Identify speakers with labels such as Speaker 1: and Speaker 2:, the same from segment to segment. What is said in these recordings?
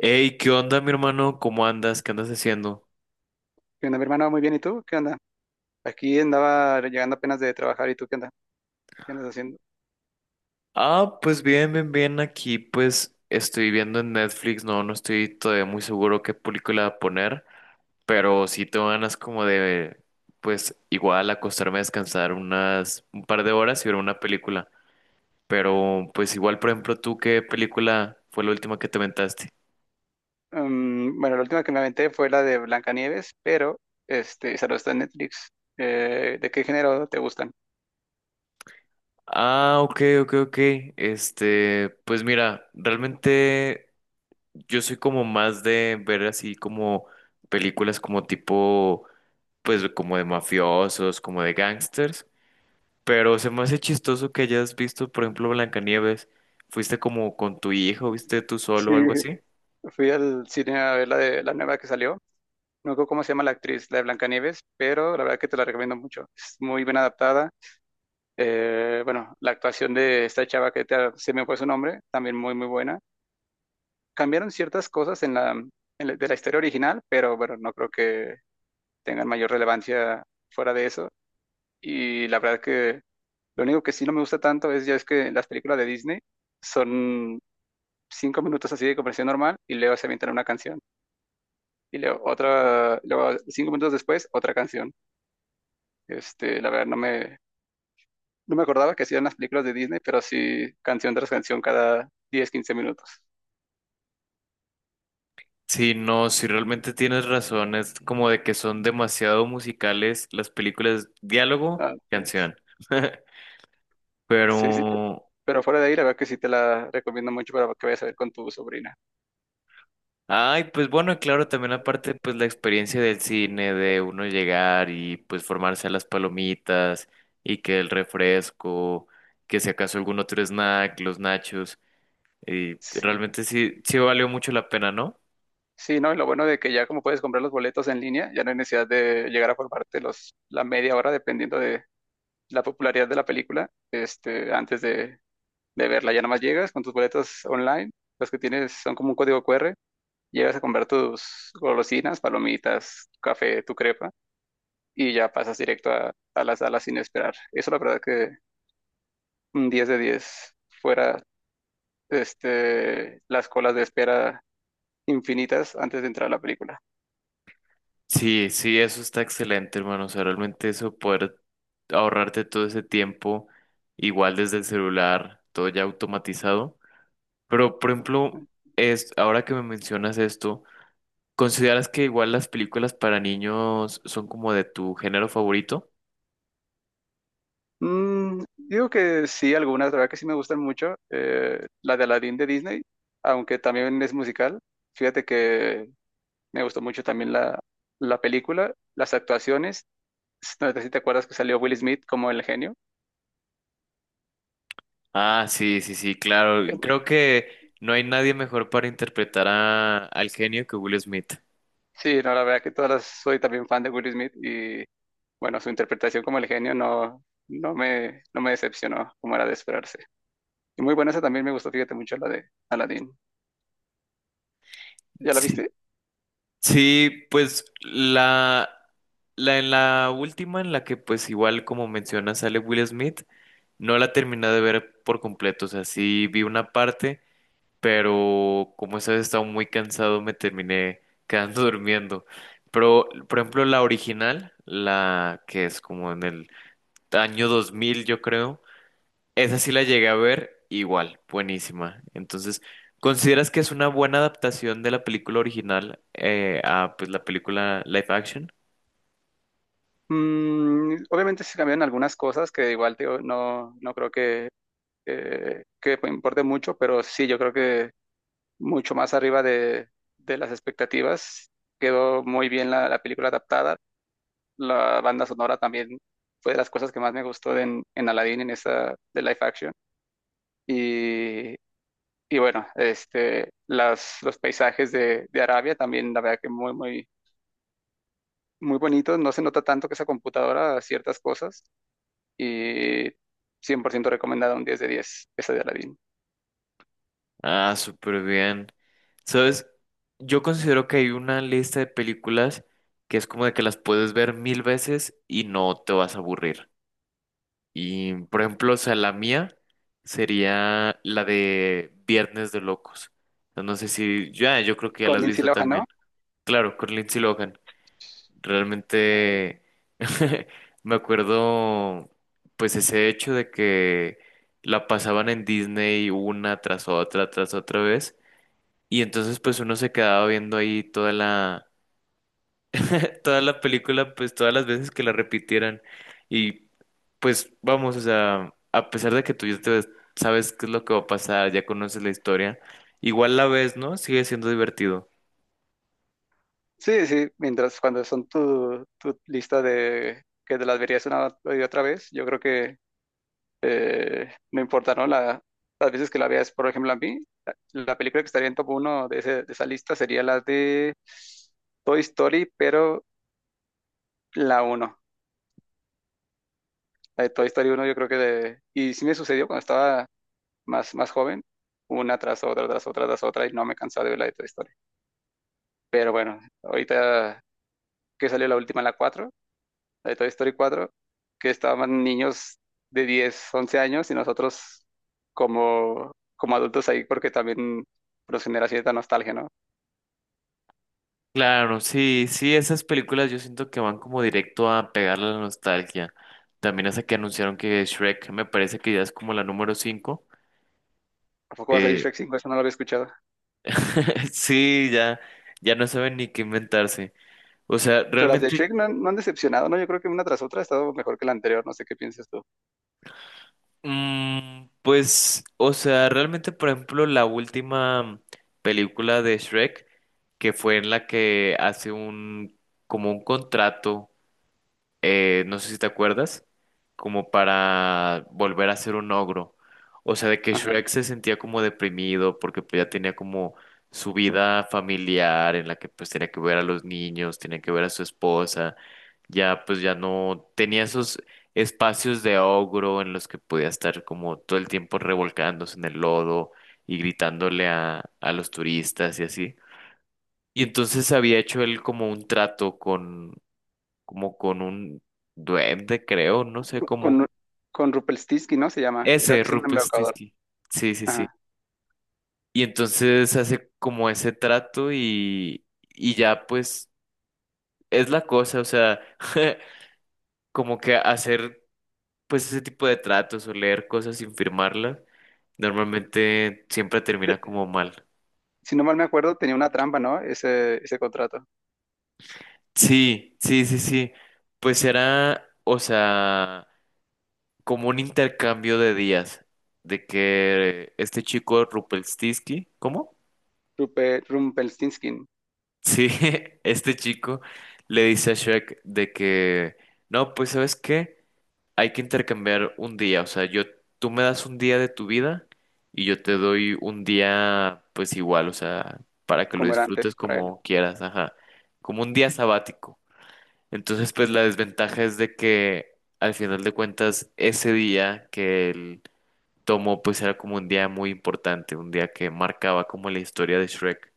Speaker 1: Hey, ¿qué onda, mi hermano? ¿Cómo andas? ¿Qué andas haciendo?
Speaker 2: ¿Qué onda, mi hermano? Muy bien, ¿y tú? ¿Qué onda? Aquí andaba llegando apenas de trabajar, ¿y tú qué onda? ¿Qué andas haciendo?
Speaker 1: Ah, pues bien, bien, bien. Aquí, pues estoy viendo en Netflix. No, no estoy todavía muy seguro qué película poner, pero sí tengo ganas como de, pues igual acostarme a descansar unas un par de horas y ver una película. Pero, pues igual, por ejemplo, ¿tú qué película fue la última que te aventaste?
Speaker 2: Bueno, la última que me aventé fue la de Blancanieves, pero esa no está en Netflix. ¿De qué género te gustan?
Speaker 1: Ah, ok, ok, ok. Pues mira, realmente. Yo soy como más de ver así como películas como tipo, pues como de mafiosos, como de gangsters, pero se me hace chistoso que hayas visto, por ejemplo, Blancanieves. ¿Fuiste como con tu hijo, viste tú
Speaker 2: Sí,
Speaker 1: solo o algo así?
Speaker 2: fui al cine a ver la de la nueva que salió. No recuerdo cómo se llama la actriz, la de Blancanieves, pero la verdad que te la recomiendo mucho. Es muy bien adaptada. Bueno, la actuación de esta chava se me fue su nombre, también muy, muy buena. Cambiaron ciertas cosas de la historia original, pero bueno, no creo que tengan mayor relevancia fuera de eso. Y la verdad que lo único que sí no me gusta tanto es ya es que las películas de Disney son 5 minutos así de conversación normal y luego se avientan una canción. Y luego otra, luego 5 minutos después, otra canción. La verdad no me acordaba que hacían las películas de Disney, pero sí canción tras canción cada 10-15 minutos.
Speaker 1: Sí, no, si realmente tienes razón, es como de que son demasiado musicales las películas, diálogo,
Speaker 2: Ah, pues,
Speaker 1: canción.
Speaker 2: sí, sí.
Speaker 1: Pero
Speaker 2: Pero fuera de ahí, la verdad que sí te la recomiendo mucho para que vayas a ver con tu sobrina.
Speaker 1: Ay, pues bueno, y claro, también aparte, pues la experiencia del cine, de uno llegar y pues formarse a las palomitas y que el refresco, que si acaso algún otro snack, los nachos, y realmente sí, sí valió mucho la pena, ¿no?
Speaker 2: Sí, ¿no? Y lo bueno de que ya como puedes comprar los boletos en línea, ya no hay necesidad de llegar a formarte la media hora dependiendo de la popularidad de la película, antes de verla. Ya nada más llegas con tus boletos online, los que tienes son como un código QR, llegas a comprar tus golosinas, palomitas, tu café, tu crepa, y ya pasas directo a la sala sin esperar. Eso la verdad que un 10 de 10 fuera, las colas de espera infinitas antes de entrar a la película.
Speaker 1: Sí, sí, eso está excelente, hermano. O sea, realmente eso poder ahorrarte todo ese tiempo, igual desde el celular, todo ya automatizado. Pero, por ejemplo, ahora que me mencionas esto, ¿consideras que igual las películas para niños son como de tu género favorito?
Speaker 2: Digo que sí, algunas, la verdad que sí me gustan mucho. La de Aladdin de Disney, aunque también es musical. Fíjate que me gustó mucho también la película, las actuaciones. No sé si te acuerdas que salió Will Smith como el genio.
Speaker 1: Ah, sí, sí, sí, claro.
Speaker 2: Eh,
Speaker 1: Creo que no hay nadie mejor para interpretar al genio que Will Smith.
Speaker 2: Sí, no, la verdad que soy también fan de Will Smith y bueno, su interpretación como el genio no me decepcionó como era de esperarse. Y muy buena esa también me gustó, fíjate mucho la de Aladdin. ¿Ya la
Speaker 1: Sí.
Speaker 2: viste?
Speaker 1: Sí, pues la en la última en la que pues igual como mencionas sale Will Smith, no la terminé de ver por completo, o sea, sí vi una parte. Pero como esa vez estaba muy cansado me terminé quedando durmiendo. Pero, por ejemplo, la original, la que es como en el año 2000 yo creo, esa sí la llegué a ver igual, buenísima. Entonces, ¿consideras que es una buena adaptación de la película original, a pues, la película live action?
Speaker 2: Obviamente se cambiaron algunas cosas que igual digo, no creo que importe mucho, pero sí, yo creo que mucho más arriba de las expectativas. Quedó muy bien la película adaptada. La banda sonora también fue de las cosas que más me gustó en Aladdin, en esa de live action. Y, y bueno, los paisajes de Arabia también, la verdad que muy, muy, muy bonitos. No se nota tanto que esa computadora ciertas cosas y 100% recomendada, un 10 de 10 esa de Aladdin.
Speaker 1: Ah, súper bien. ¿Sabes? Yo considero que hay una lista de películas que es como de que las puedes ver mil veces y no te vas a aburrir. Y, por ejemplo, o sea, la mía sería la de Viernes de Locos. No sé si ya, yo creo que ya
Speaker 2: Con
Speaker 1: la has
Speaker 2: Lindsay
Speaker 1: visto
Speaker 2: Lohan,
Speaker 1: también.
Speaker 2: ¿no?
Speaker 1: Claro, con Lindsay Lohan. Realmente me acuerdo, pues, ese hecho de que la pasaban en Disney una tras otra vez. Y entonces, pues, uno se quedaba viendo ahí toda la toda la película, pues todas las veces que la repitieran. Y pues vamos, o sea, a pesar de que tú ya sabes qué es lo que va a pasar, ya conoces la historia, igual la ves, ¿no? Sigue siendo divertido.
Speaker 2: Sí, sí, mientras cuando son tu lista de que te las verías una y otra vez, yo creo que no importa, ¿no? Las veces que la veas, por ejemplo, a mí, la, la película que estaría en top uno de esa lista sería la de Toy Story, pero la uno. La de Toy Story uno yo creo que. Y sí me sucedió cuando estaba más joven, una tras otra, tras otra, tras otra, y no me cansaba de ver la de Toy Story. Pero bueno, ahorita que salió la última, la de Toy Story cuatro, que estaban niños de 10-11 años y nosotros como, como adultos ahí porque también nos genera cierta nostalgia, ¿no?
Speaker 1: Claro, sí, sí, esas películas yo siento que van como directo a pegarle a la nostalgia. También hasta que anunciaron que Shrek me parece que ya es como la número 5.
Speaker 2: ¿A poco va a salir
Speaker 1: Eh,
Speaker 2: Shrek 5? Eso no lo había escuchado.
Speaker 1: sí, ya, ya no saben ni qué inventarse. O sea,
Speaker 2: Pero las de
Speaker 1: realmente,
Speaker 2: Shrek no han decepcionado, ¿no? Yo creo que una tras otra ha estado mejor que la anterior, no sé qué piensas tú.
Speaker 1: Pues, o sea, realmente, por ejemplo, la última película de Shrek, que fue en la que hace como un contrato, no sé si te acuerdas, como para volver a ser un ogro. O sea, de que
Speaker 2: Ajá.
Speaker 1: Shrek se sentía como deprimido porque pues, ya tenía como su vida familiar en la que pues tenía que ver a los niños, tenía que ver a su esposa, ya pues ya no tenía esos espacios de ogro en los que podía estar como todo el tiempo revolcándose en el lodo y gritándole a los turistas y así. Y entonces había hecho él como un trato con, como con un duende, creo, no sé cómo.
Speaker 2: Con, con Rumpelstiltskin, ¿no? Se llama.
Speaker 1: Ese,
Speaker 2: Es un
Speaker 1: Rupert
Speaker 2: embaucador.
Speaker 1: Stisky. Sí, sí, sí.
Speaker 2: Ajá.
Speaker 1: Y entonces hace como ese trato y ya pues es la cosa, o sea, como que hacer pues ese tipo de tratos o leer cosas sin firmarlas, normalmente siempre
Speaker 2: Te-
Speaker 1: termina como mal.
Speaker 2: si no mal me acuerdo, tenía una trampa, ¿no? Ese contrato.
Speaker 1: Sí, sí, sí, sí. Pues era, o sea, como un intercambio de días, de que este chico Rupert, ¿cómo?
Speaker 2: Rumpelstiltskin,
Speaker 1: Sí, este chico le dice a Shrek de que, no, pues ¿sabes qué? Hay que intercambiar un día, o sea, yo, tú me das un día de tu vida y yo te doy un día, pues igual, o sea, para que lo
Speaker 2: como era antes
Speaker 1: disfrutes
Speaker 2: para él.
Speaker 1: como quieras, ajá, como un día sabático. Entonces, pues la desventaja es de que al final de cuentas, ese día que él tomó, pues era como un día muy importante, un día que marcaba como la historia de Shrek.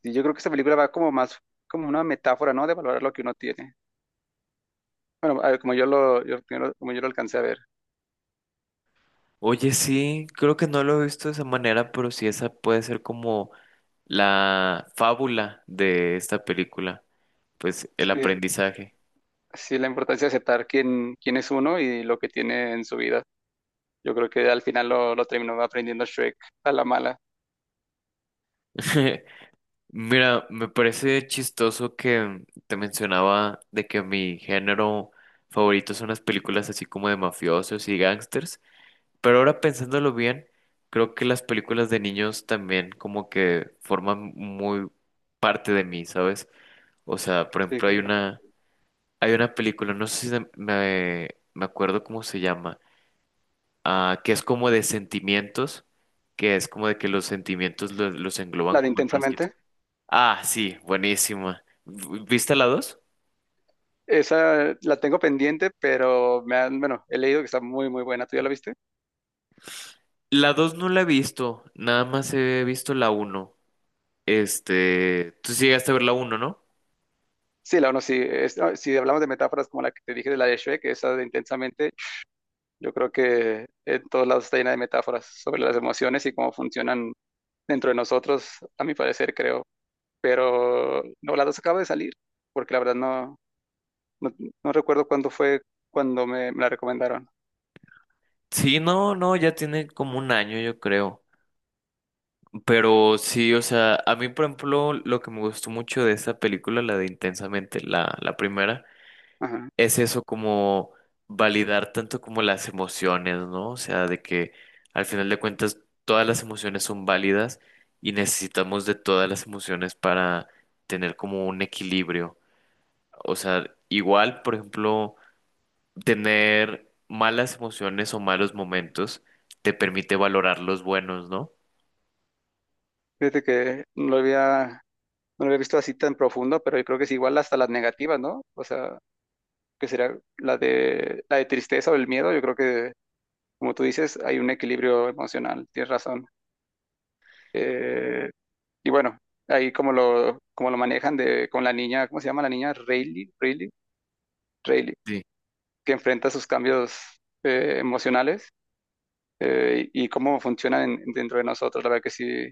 Speaker 2: Y yo creo que esta película va como una metáfora, ¿no? De valorar lo que uno tiene. Bueno, a ver, como yo lo alcancé a ver.
Speaker 1: Oye, sí, creo que no lo he visto de esa manera, pero sí esa puede ser como la fábula de esta película, pues el
Speaker 2: Sí,
Speaker 1: aprendizaje.
Speaker 2: sí, la importancia de aceptar quién es uno y lo que tiene en su vida. Yo creo que al final lo terminó aprendiendo Shrek a la mala.
Speaker 1: Mira, me parece chistoso que te mencionaba de que mi género favorito son las películas así como de mafiosos y gángsters, pero ahora pensándolo bien, creo que las películas de niños también como que forman muy parte de mí, ¿sabes? O sea, por
Speaker 2: Sí,
Speaker 1: ejemplo,
Speaker 2: claro.
Speaker 1: hay una película, no sé si me acuerdo cómo se llama, que es como de sentimientos, que es como de que los sentimientos los engloban
Speaker 2: La de
Speaker 1: como en frasquito.
Speaker 2: Intensamente.
Speaker 1: Ah, sí, buenísima. ¿Viste la 2?
Speaker 2: Esa la tengo pendiente, pero bueno, he leído que está muy, muy buena. ¿Tú ya la viste?
Speaker 1: La 2 no la he visto, nada más he visto la 1. Tú sí llegaste a ver la 1, ¿no?
Speaker 2: Sí, la uno sí. No, si hablamos de metáforas como la que te dije de la de Shrek, esa de Intensamente, yo creo que en todos lados está llena de metáforas sobre las emociones y cómo funcionan dentro de nosotros, a mi parecer, creo. Pero no, la dos acaba de salir, porque la verdad no, no recuerdo cuándo fue cuando me la recomendaron.
Speaker 1: Sí, no, no, ya tiene como un año, yo creo. Pero sí, o sea, a mí, por ejemplo, lo que me gustó mucho de esa película, la de Intensamente, la primera,
Speaker 2: Ajá.
Speaker 1: es eso como validar tanto como las emociones, ¿no? O sea, de que al final de cuentas todas las emociones son válidas y necesitamos de todas las emociones para tener como un equilibrio. O sea, igual, por ejemplo, tener malas emociones o malos momentos te permite valorar los buenos, ¿no?
Speaker 2: Fíjate que no lo había visto así tan profundo, pero yo creo que es igual hasta las negativas, ¿no? O sea, que sería la de tristeza o el miedo. Yo creo que, como tú dices, hay un equilibrio emocional, tienes razón. Eh, Y bueno, ahí como lo manejan con la niña, ¿cómo se llama la niña? Rayleigh,
Speaker 1: Sí.
Speaker 2: que enfrenta sus cambios emocionales, y cómo funcionan dentro de nosotros. La verdad que sí,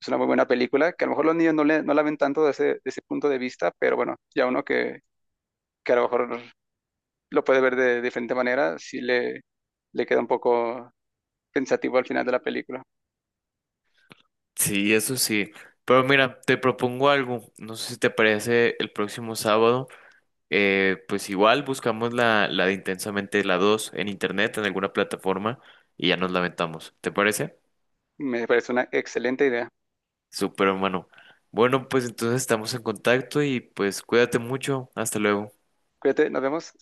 Speaker 2: es una muy buena película, que a lo mejor los niños no la ven tanto desde ese punto de vista, pero bueno, ya uno que, a lo mejor lo puede ver de diferente manera, sí le queda un poco pensativo al final de la película.
Speaker 1: Sí, eso sí. Pero mira, te propongo algo. No sé si te parece el próximo sábado. Pues igual buscamos la de Intensamente la 2 en internet, en alguna plataforma, y ya nos lamentamos. ¿Te parece?
Speaker 2: Me parece una excelente idea.
Speaker 1: Súper, hermano. Bueno, pues entonces estamos en contacto y pues cuídate mucho. Hasta luego.
Speaker 2: Cuídate, nos vemos.